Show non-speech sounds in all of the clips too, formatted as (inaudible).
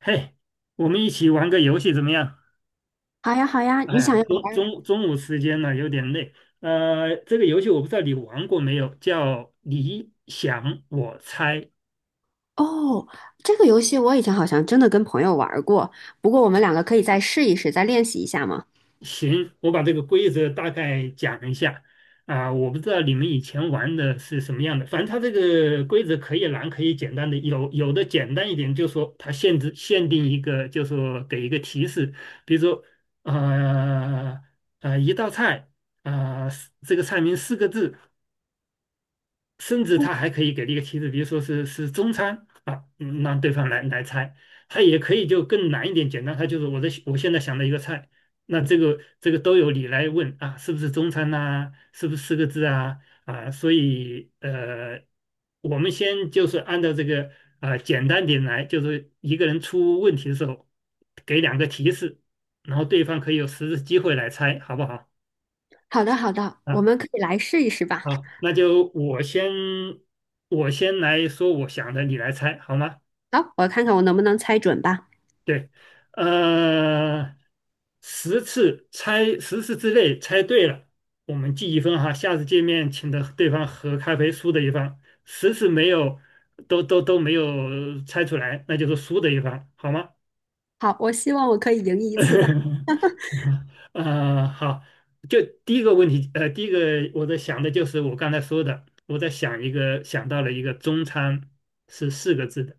嘿，我们一起玩个游戏怎么样？好呀，好呀，哎你想要呀，中玩儿中中午时间了，有点累。这个游戏我不知道你玩过没有，叫你想我猜。哦？这个游戏我以前好像真的跟朋友玩儿过，不过我们两个可以再试一试，再练习一下吗？行，我把这个规则大概讲一下。我不知道你们以前玩的是什么样的，反正它这个规则可以难，可以简单的，有的简单一点，就说它限定一个，就说给一个提示。比如说呃一道菜，啊，这个菜名四个字。甚至他还可以给了一个提示，比如说是中餐啊，让对方来猜。他也可以就更难一点，简单，他就是我现在想的一个菜，那这个都有你来问啊，是不是中餐呐、是不是四个字啊？啊，所以我们先就是按照这个简单点来，就是一个人出问题的时候给两个提示，然后对方可以有实质机会来猜，好不好？好的，好的，我啊？们可以来试一试吧。好，那就我先来说我想的，你来猜好吗？好，我看看我能不能猜准吧。对，呃，十次之内猜对了，我们记1分哈。下次见面请的对方喝咖啡，输的一方；十次没有都没有猜出来，那就是输的一方，好吗？好，我希望我可以赢一次吧。(laughs) 啊，好，就第一个问题。第一个我在想的就是我刚才说的，我在想一个，想到了一个中餐，是四个字的。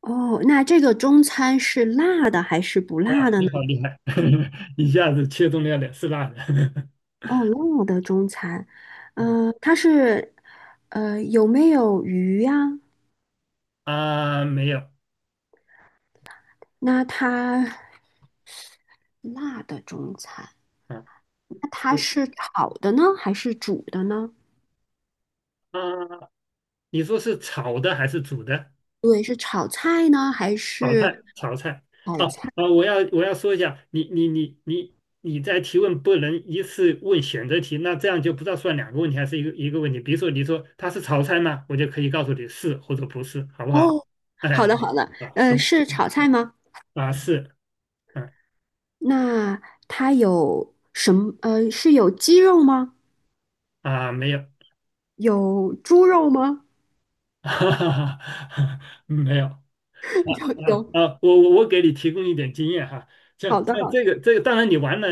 哦，那这个中餐是辣的还是不辣哇，的呢？你好厉害，(laughs) 一下子切中了2次辣的。哦，辣的中餐，它是，有没有鱼呀？(laughs) 啊，没有。那它辣的中餐，啊，那是它是炒的呢，还是煮的呢？啊，你说是炒的还是煮的？对，是炒菜呢，还炒是菜，炒菜。炒哦菜？哦，我要说一下，你在提问不能一次问选择题，那这样就不知道算两个问题还是一个问题。比如说你说它是炒菜吗？我就可以告诉你是或者不是，好不好？哦，哎，好的好的，啊，行是炒菜吗？啊，是，嗯那它有什么？是有鸡肉吗？啊，没有。有猪肉吗？(laughs) 哈哈哈，没有。(laughs) 有啊有，啊，我给你提供一点经验哈，像好的像好这的。个这个，当然你玩了，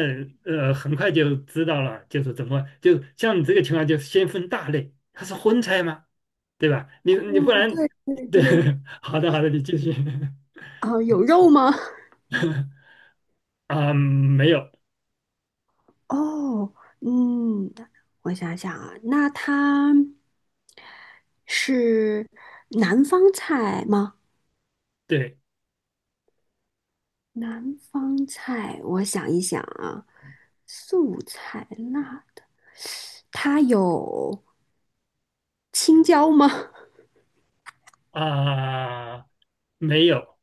很快就知道了。就是怎么就像你这个情况，就先分大类，它是荤菜吗？对吧？你不哦，然。对对对，对，(laughs) 好的好的，你继续。 啊，有肉吗？(laughs) 啊，没有。哦，嗯，我想想啊，那它是南方菜吗？对南方菜，我想一想啊，素菜辣它有青椒吗？(laughs) 啊，没有。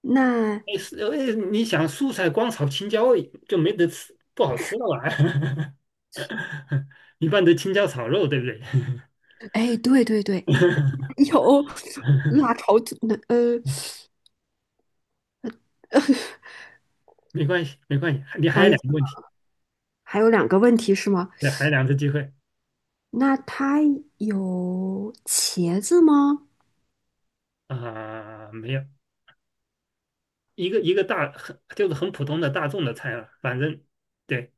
那，哎是哎，你想素菜光炒青椒就没得吃，不好吃了吧？(laughs) 一般都青椒炒肉，对不对？哎，对对对，(laughs) 有辣炒子，那呃 (laughs) 没关系，没关系，你还想有一两想，个问题。还有两个问题是吗？对，还有两次机会。那它有茄子吗？啊、没有。一个一个大很就是很普通的大众的菜了，反正。对，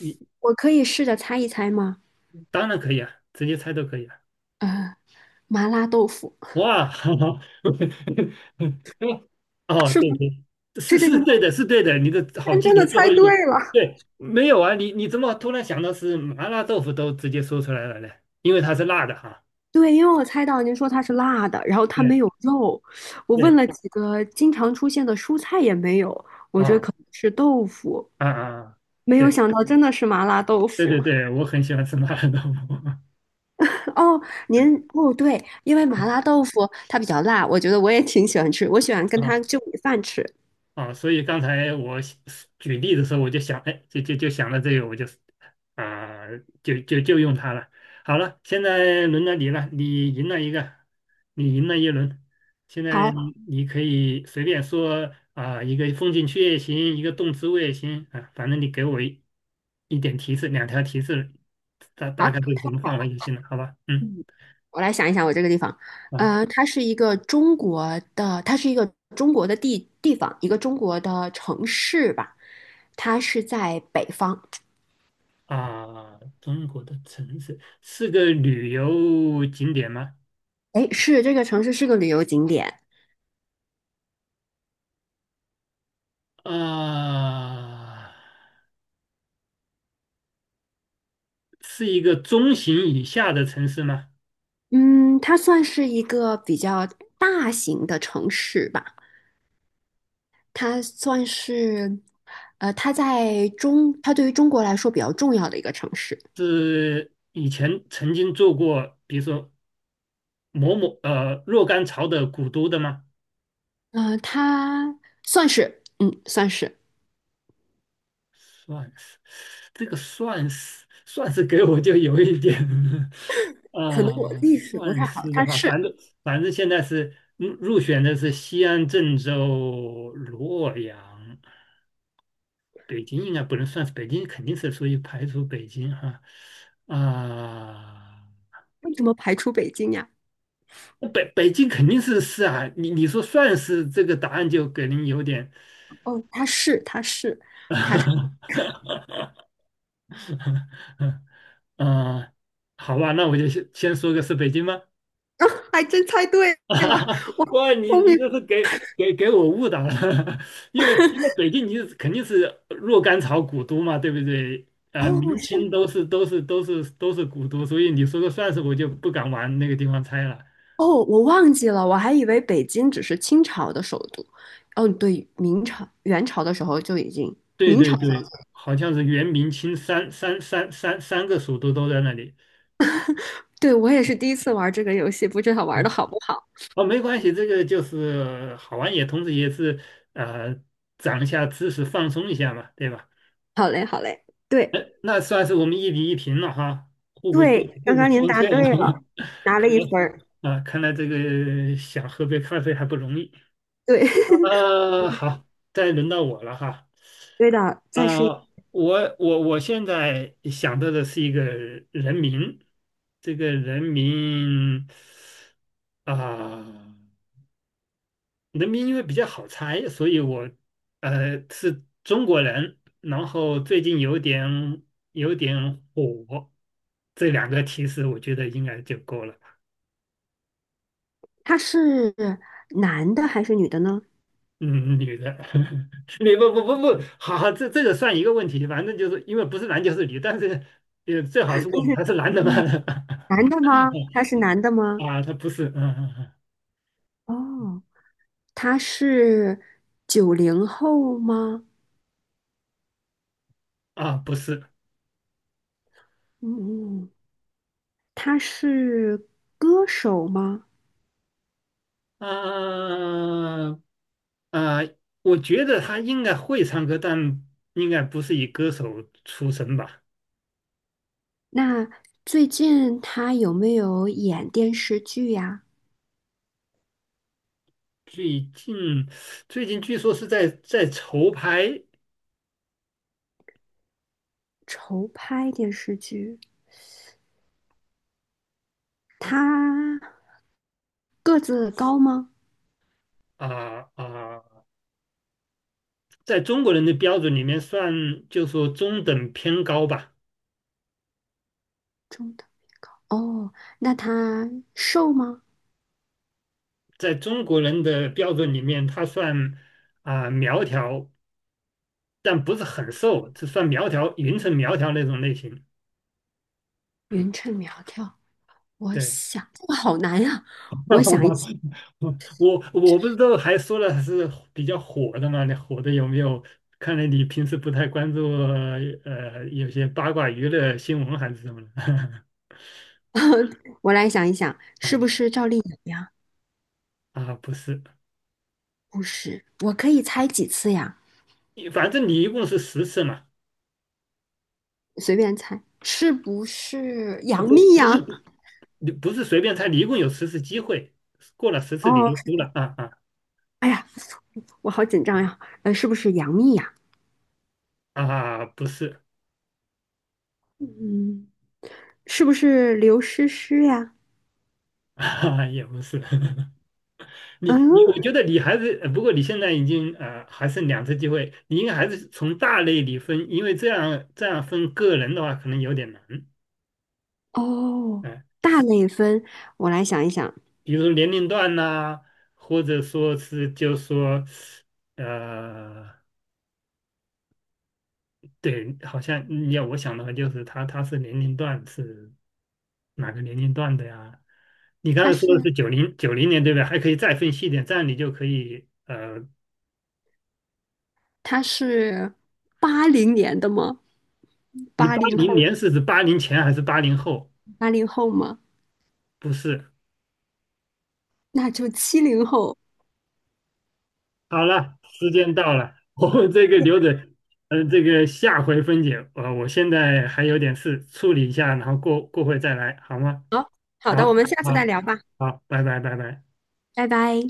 你我可以试着猜一猜吗？当然可以啊，直接猜都可以啊。呃，麻辣豆腐哇，(laughs) 哦，是对对，是是这个是吗？对的，是对的，你的好天记真的性，最猜后对一个。了，对，没有啊，你怎么突然想到是麻辣豆腐都直接说出来了呢？因为它是辣的哈。对，因为我猜到您说它是辣的，然后它没对有肉，我问对，了几个经常出现的蔬菜也没有，我觉得可啊能是豆腐。啊啊，没对有想到真的是麻辣豆对对腐 对，我很喜欢吃麻辣豆腐。(laughs)。哦，您哦对，因为麻辣豆腐它比较辣，我觉得我也挺喜欢吃，我喜欢跟它啊就米饭吃。所以刚才我想举例的时候，我就想，哎，就想到这个，我就啊、用它了。好了，现在轮到你了，你赢了一个，你赢了一轮。现在好，你可以随便说啊、一个风景区也行，一个动植物也行啊，反正你给我一点提示，两条提示，大大好，概这个什么范围就行了，好吧？嗯。嗯，我来想一想我这个地方，啊它是一个中国的，它是一个中国的地方，一个中国的城市吧，它是在北方，中国的城市是个旅游景点吗？哎，是这个城市是个旅游景点，啊，是一个中型以下的城市吗？嗯，它算是一个比较大型的城市吧。它算是，它它对于中国来说比较重要的一个城市。是以前曾经做过，比如说某某若干朝的古都的吗？它算是，算是，这个算是给我就有一点 (laughs) 可能啊，我历史不算太好，是的它话，是反正现在是入选的是西安、郑州、洛阳、北京，应该不能算是北京，肯定是属于排除北京哈啊。为什么排除北京呀？北京肯定是啊，你说算是这个答案就给人有点，哦，它是，它是，它是，(laughs) 嗯，好吧，那我就先说个是北京吗？(laughs) 啊，还真猜对了，我 (laughs) 好哇，你聪你明。这是给我误导了。(laughs) 因为那北京你肯定是若干朝古都嘛，对不对？哦，明是，清都是古都，所以你说个算是我就不敢往那个地方猜了。哦，我忘记了，我还以为北京只是清朝的首都。哦，对，明朝、元朝的时候就已经。对对对，好像是元明清三个蜀都都在那里。对，我也是第一次玩这个游戏，不知道玩的哦，好不好。哦没关系，这个就是好玩，也同时也是呃，长一下知识，放松一下嘛，对吧？好嘞，好嘞，对那算是我们1比1平了哈，互不对，刚互不刚您相答欠对了。了，(laughs) 拿了看一来分儿。看来这个想喝杯咖啡还不容易。对，(laughs) 好，再轮到我了哈。对的，再试一我现在想到的是一个人名，这个人名啊。人民因为比较好猜，所以我是中国人，然后最近有点火。这两个提示我觉得应该就够了。他是男的还是女的呢？嗯，女的。(laughs) 你不，好好，这个算一个问题，反正就是因为不是男就是女，但是也最好是问他是男的吗？女男的吗？他是男的 (laughs) 吗？啊，他不是，哦，他是90后吗？啊，不是。嗯，他是歌手吗？啊啊，我觉得他应该会唱歌，但应该不是以歌手出身吧。那最近他有没有演电视剧呀？最近最近据说是在筹拍。筹拍电视剧。他个子高吗？啊啊，在中国人的标准里面算，就说中等偏高吧。中等。哦，那她瘦吗？在中国人的标准里面，他算苗条，但不是很瘦，只算苗条，匀称苗条那种类型。匀称苗条，我对，想这个好难呀。我想一想，(laughs) 我不知道还说了是比较火的嘛，那火的有没有？看来你平时不太关注有些八卦娱乐新闻还是什么的。(laughs) 我来想一想，是不 (laughs) 是赵丽颖呀？啊，不是。不是，我可以猜几次呀？反正你一共是十次嘛。随便猜，是不是呃杨不幂不是呀？你不是随便猜，你一共有10次机会，过了十次你哦，就输了啊啊哎呀，我好紧张呀。是不是杨幂呀？啊，不是。嗯，是不是刘诗诗呀？(laughs) 啊，也不是。(laughs) 嗯，我觉得你还是，不过你现在已经还剩两次机会，你应该还是从大类里分，因为这样分个人的话可能有点难。哦，嗯、大类分，我来想一想，比如说年龄段呐、或者说是就说，呃，对，好像你要我想的话就是他是年龄段是哪个年龄段的呀？你刚她才说的是。是九零年对不对？还可以再分细一点，这样你就可以他是80年的吗？你八八零零后，年是指80前还是80后？八零后吗？不是。那就70后。好了，时间到了，(laughs) 我们这个嗯留着。这个下回分解。我现在还有点事处理一下，然后过会再来，好吗？好的，好，我们下次再好，聊吧，好，拜拜，拜拜。拜拜。